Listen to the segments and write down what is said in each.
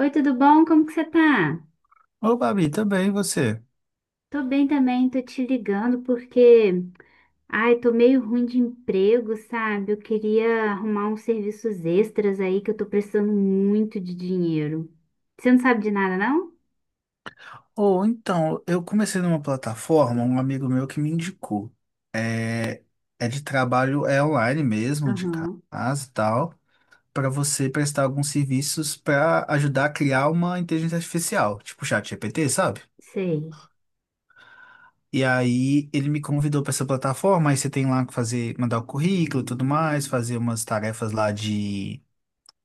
Oi, tudo bom? Como que você tá? Ô, Babi, também e você? Tô bem também, tô te ligando porque, ai, tô meio ruim de emprego, sabe? Eu queria arrumar uns serviços extras aí que eu tô precisando muito de dinheiro. Você não sabe de nada, não? Ou então, eu comecei numa plataforma, um amigo meu que me indicou. É é de trabalho, é online mesmo, de Aham, casa e tal, para você prestar alguns serviços para ajudar a criar uma inteligência artificial, tipo chat GPT, sabe? sei. E aí ele me convidou para essa plataforma, aí você tem lá que fazer, mandar o currículo e tudo mais, fazer umas tarefas lá de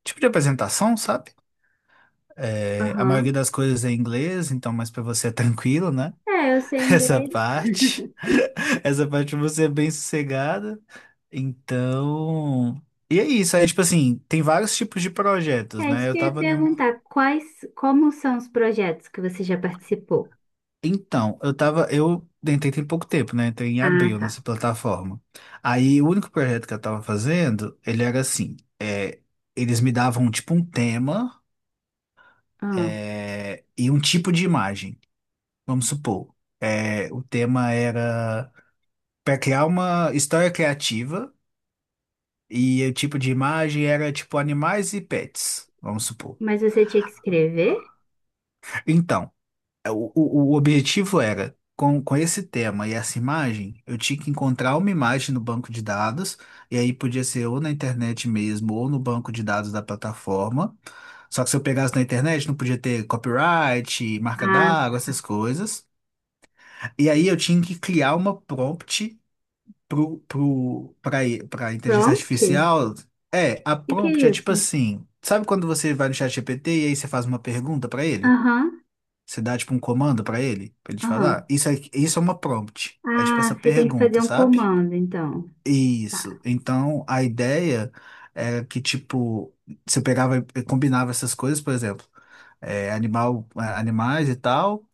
tipo de apresentação, sabe? É, a Aham. maioria das coisas é em inglês, então, mas para você é tranquilo, né? É, eu sei Essa inglês. parte. Essa parte você é bem sossegada. Então. E é isso. Aí, tipo assim, tem vários tipos de projetos, É isso né? Eu que eu ia tava em um. perguntar. Quais, como são os projetos que você já participou? Então, eu tava. Eu entrei tem pouco tempo, né? Entrei em Ah, abril tá. nessa plataforma. Aí, o único projeto que eu tava fazendo, ele era assim: eles me davam, tipo, um tema Ah, e um tipo de imagem. Vamos supor. O tema era para criar uma história criativa. E o tipo de imagem era tipo animais e pets, vamos supor. mas você tinha que escrever? Então, o objetivo era, com esse tema e essa imagem, eu tinha que encontrar uma imagem no banco de dados, e aí podia ser ou na internet mesmo, ou no banco de dados da plataforma. Só que se eu pegasse na internet, não podia ter copyright, marca Ah, d'água, essas coisas. E aí eu tinha que criar uma prompt pro, pro, pra, pra inteligência prompt? O artificial, a que que prompt é é tipo isso? assim, sabe quando você vai no chat GPT e aí você faz uma pergunta pra ele? Aham. Você dá tipo um comando pra ele te falar, Aham. isso é uma prompt. É tipo essa Ah, você tem que pergunta, fazer um sabe? comando, então. Tá. Isso. Então, a ideia era que tipo, você pegava e combinava essas coisas, por exemplo, animais e tal,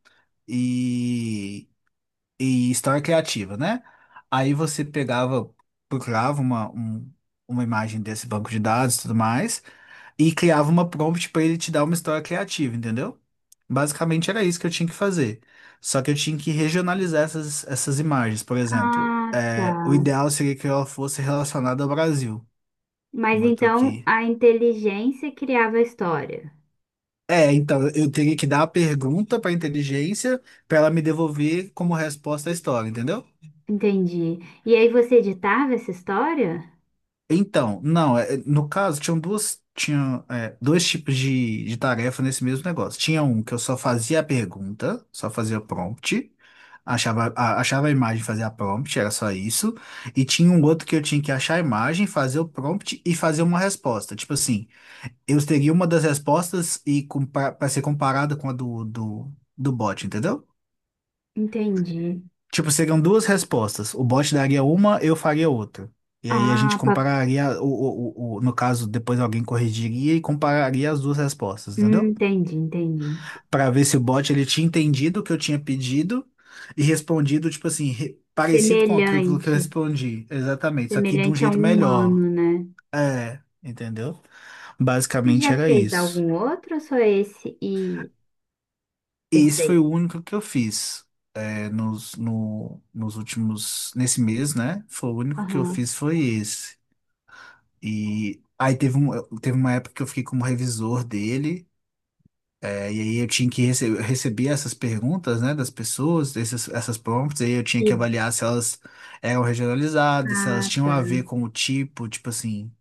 e história criativa, né? Aí você pegava, procurava uma imagem desse banco de dados e tudo mais, e criava uma prompt para ele te dar uma história criativa, entendeu? Basicamente era isso que eu tinha que fazer. Só que eu tinha que regionalizar essas imagens, por exemplo. Ah, tá. O ideal seria que ela fosse relacionada ao Brasil, Mas como eu tô então aqui. a inteligência criava a história. Então eu teria que dar a pergunta para a inteligência para ela me devolver como resposta a história, entendeu? Entendi. E aí você editava essa história? Então, não, no caso, tinham duas, tinha, é, dois tipos de tarefa nesse mesmo negócio. Tinha um que eu só fazia a pergunta, só fazia o prompt, achava a imagem, fazia a prompt, era só isso. E tinha um outro que eu tinha que achar a imagem, fazer o prompt e fazer uma resposta. Tipo assim, eu teria uma das respostas e para ser comparada com a do bot, entendeu? Entendi. Tipo, seriam duas respostas. O bot daria uma, eu faria outra. E aí a gente Ah, pa- compararia, no caso, depois alguém corrigiria e compararia as duas respostas, entendeu? entendi, entendi. Pra ver se o bot ele tinha entendido o que eu tinha pedido e respondido, tipo assim, parecido com aquilo que eu Semelhante. respondi. Exatamente, só que de um Semelhante a jeito um melhor. humano, né? Entendeu? Você Basicamente já era fez isso. algum outro ou só esse e E esse esse daí? foi o único que eu fiz. É, nos, no, nos últimos, nesse mês, né? Foi o único que eu Aham. fiz foi esse. E aí teve uma época que eu fiquei como revisor dele, e aí eu tinha que receber essas perguntas, né, das pessoas, essas prompts, aí eu tinha que E... avaliar se elas eram regionalizadas, se elas Ah, tinham tá. a ver com o tipo, tipo assim,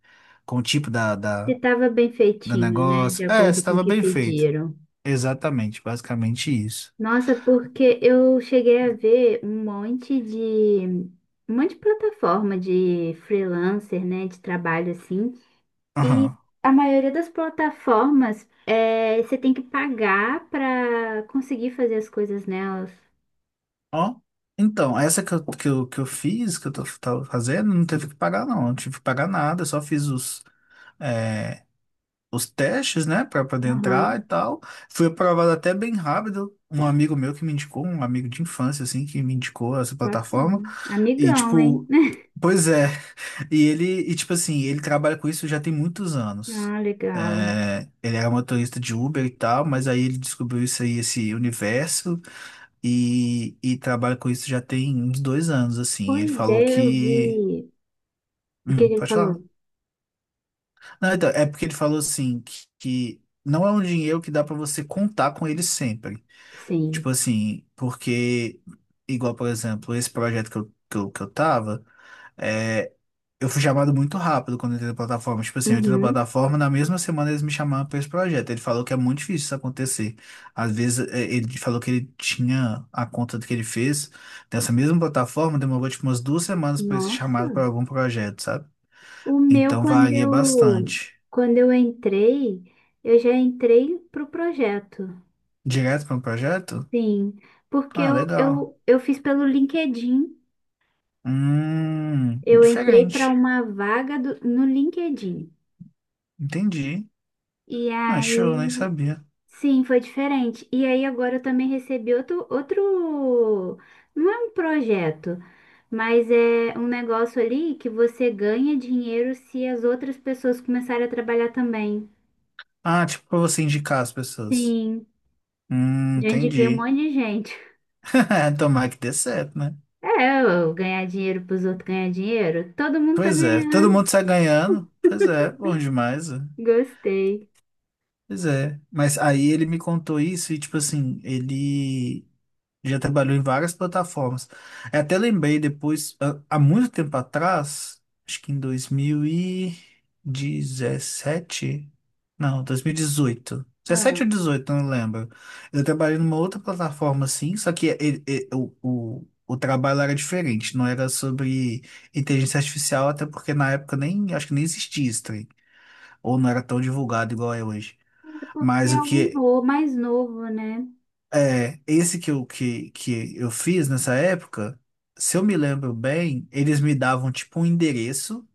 com o tipo da, Você da, estava bem da feitinho, né? negócio. De É, acordo com o estava que bem feito. pediram. Exatamente, basicamente isso. Nossa, porque eu cheguei a ver um monte de plataforma de freelancer, né, de trabalho assim. E Aham. a maioria das plataformas é, você tem que pagar para conseguir fazer as coisas nelas. Ó, então, essa que eu fiz, que eu tava fazendo, não teve que pagar, não. Não tive que pagar nada, eu só fiz é, os testes, né, pra poder Aham, entrar e tal. Fui aprovado até bem rápido. Um amigo meu que me indicou, um amigo de infância, assim, que me indicou essa plataforma. bacana. E, Amigão, hein? tipo, pois é. E tipo assim, ele trabalha com isso já tem muitos anos. Ah, legal. É, ele era motorista de Uber e tal, mas aí ele descobriu isso aí, esse universo e trabalha com isso já tem uns 2 anos, assim. Ele Pois falou é, eu que. vi. O que que ele Pode falar. falou? Não, então, é porque ele falou assim que não é um dinheiro que dá pra você contar com ele sempre. Tipo Sim. assim, porque, igual, por exemplo, esse projeto que eu tava. é, Eu fui chamado muito rápido quando eu entrei na plataforma. Tipo assim, eu entrei na Uhum. plataforma, na mesma semana eles me chamaram para esse projeto. Ele falou que é muito difícil isso acontecer. Às vezes, ele falou que ele tinha a conta que ele fez dessa mesma plataforma, demorou tipo umas 2 semanas para esse chamado para Nossa. algum projeto, sabe? O meu, Então varia bastante. quando eu entrei, eu já entrei pro projeto, Direto para um projeto? sim, porque Ah, legal. Eu fiz pelo LinkedIn, eu entrei para Diferente. uma vaga do- no LinkedIn, Entendi. e Ah, show, aí, nem sabia. sim, foi diferente, e aí agora eu também recebi outro, não é um projeto, mas é um negócio ali que você ganha dinheiro se as outras pessoas começarem a trabalhar também, Ah, tipo para você indicar as pessoas. sim, já indiquei um Entendi. monte de gente. Tomara que dê certo, né? É, eu ganhar dinheiro pros outros ganhar dinheiro. Todo mundo tá Pois é, todo ganhando. mundo sai ganhando. Pois é, bom demais. É. Gostei. Pois é. Mas aí ele me contou isso e, tipo assim, ele já trabalhou em várias plataformas. Eu até lembrei depois, há muito tempo atrás, acho que em 2017, não, 2018, Ah, 17 ou 18, não lembro. Eu trabalhei numa outra plataforma assim, só que o trabalho era diferente, não era sobre inteligência artificial, até porque na época nem, acho que nem existia isso, trem, ou não era tão divulgado igual é hoje. é porque Mas é o um que novo, mais novo, né? é, esse que eu, que eu fiz nessa época, se eu me lembro bem, eles me davam tipo um endereço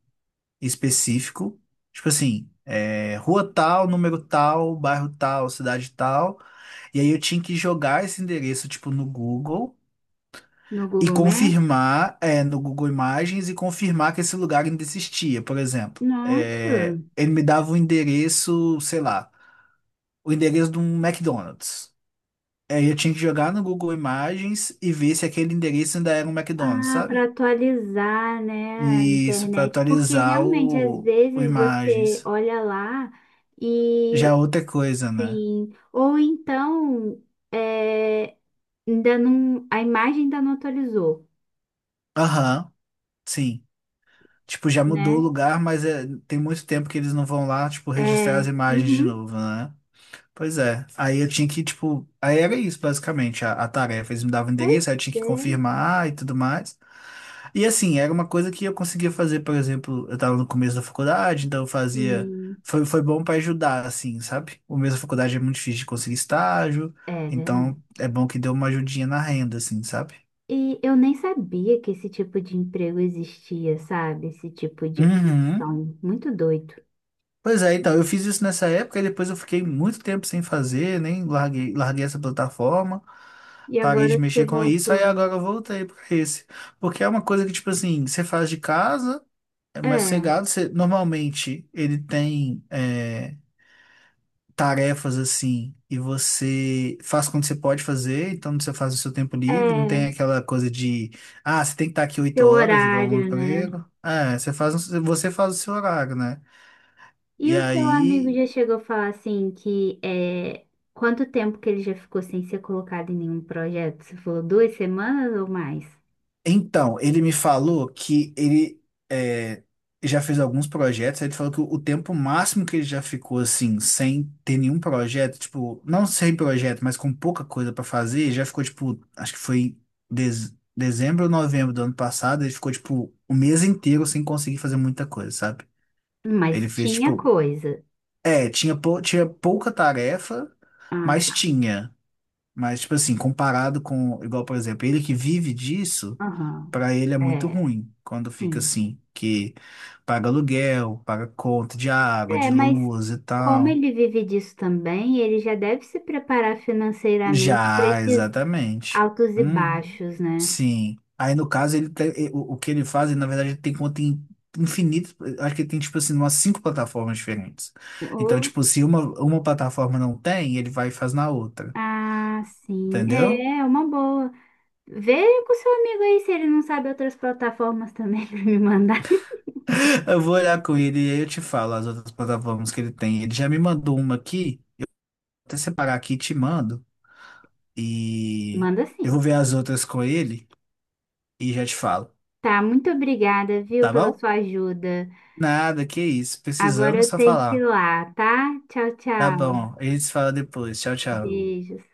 específico, tipo assim, rua tal, número tal, bairro tal, cidade tal, e aí eu tinha que jogar esse endereço tipo no Google No e Google Maps. confirmar, no Google Imagens e confirmar que esse lugar ainda existia, por exemplo. É, Nossa. ele me dava o endereço, sei lá, o endereço de um McDonald's. Aí eu tinha que jogar no Google Imagens e ver se aquele endereço ainda era um McDonald's, Ah, para sabe? atualizar, né, a E isso, pra internet, porque atualizar realmente às o vezes você Imagens. olha lá Já e é outra coisa, né? sim, ou então é, ainda não, a imagem ainda não atualizou, Aham, sim. Tipo, já mudou o né? lugar, mas tem muito tempo que eles não vão lá, tipo, registrar É, as imagens de uhum, novo, né? Pois é. Aí eu tinha que, tipo, aí era isso, basicamente, a tarefa. Eles me davam o pois endereço, aí eu tinha que é, confirmar e tudo mais. E assim, era uma coisa que eu conseguia fazer, por exemplo, eu tava no começo da faculdade, então eu fazia. sim. Foi bom para ajudar, assim, sabe? O mesmo da faculdade é muito difícil de conseguir estágio, É então verdade. é bom que deu uma ajudinha na renda, assim, sabe? E eu nem sabia que esse tipo de emprego existia, sabe? Esse tipo de Uhum. função. Muito doido. Pois é, então, eu fiz isso nessa época e depois eu fiquei muito tempo sem fazer, nem larguei, larguei essa plataforma, E parei de agora você mexer com isso, aí voltou. agora eu voltei para esse. Porque é uma coisa que, tipo assim, você faz de casa, é É, mais sossegado, normalmente ele tem tarefas assim, e você faz quando você pode fazer, então você faz o seu tempo livre, não tem é, aquela coisa de, ah, você tem que estar aqui oito seu horas, igual um horário, né? emprego. É, você faz o seu horário, né? E E o seu amigo aí. já chegou a falar assim que é quanto tempo que ele já ficou sem ser colocado em nenhum projeto? Você falou duas semanas ou mais? Então, ele me falou que ele é, já fez alguns projetos, aí ele falou que o tempo máximo que ele já ficou assim, sem ter nenhum projeto, tipo, não sem projeto, mas com pouca coisa pra fazer, já ficou tipo, acho que foi dezembro ou novembro do ano passado, ele ficou tipo o mês inteiro sem conseguir fazer muita coisa, sabe? Mas Ele fez tinha tipo, coisa. Tinha pouca tarefa, Ah, mas tá. tinha. Mas, tipo assim, comparado com, igual, por exemplo, ele que vive disso, Aham. pra ele é muito É, ruim quando fica sim. assim, que paga aluguel, paga conta de água, É, de mas luz e como tal. ele vive disso também, ele já deve se preparar financeiramente para Já, esses exatamente. altos e Hum, baixos, né? sim. Aí, no caso, ele tem- e- o que ele faz, ele, na verdade, ele tem conta em infinito. Acho que ele tem, tipo assim, umas cinco plataformas diferentes. Então, Ou, tipo, se uma plataforma não tem, ele vai e faz na outra. ah, sim, Entendeu? é, é uma boa. Vê com seu amigo aí se ele não sabe outras plataformas também para me mandar. Eu vou olhar com ele e aí eu te falo as outras plataformas que ele tem. Ele já me mandou uma aqui, até separar aqui e te mando. E Manda eu sim. vou ver as outras com ele e já te falo, Tá, muito obrigada, viu, tá pela bom? sua ajuda. Nada, que isso. Agora Precisando, é eu só tenho que ir falar. lá, tá? Tchau, Tá tchau. bom, a gente se fala depois. Tchau, tchau. Beijos.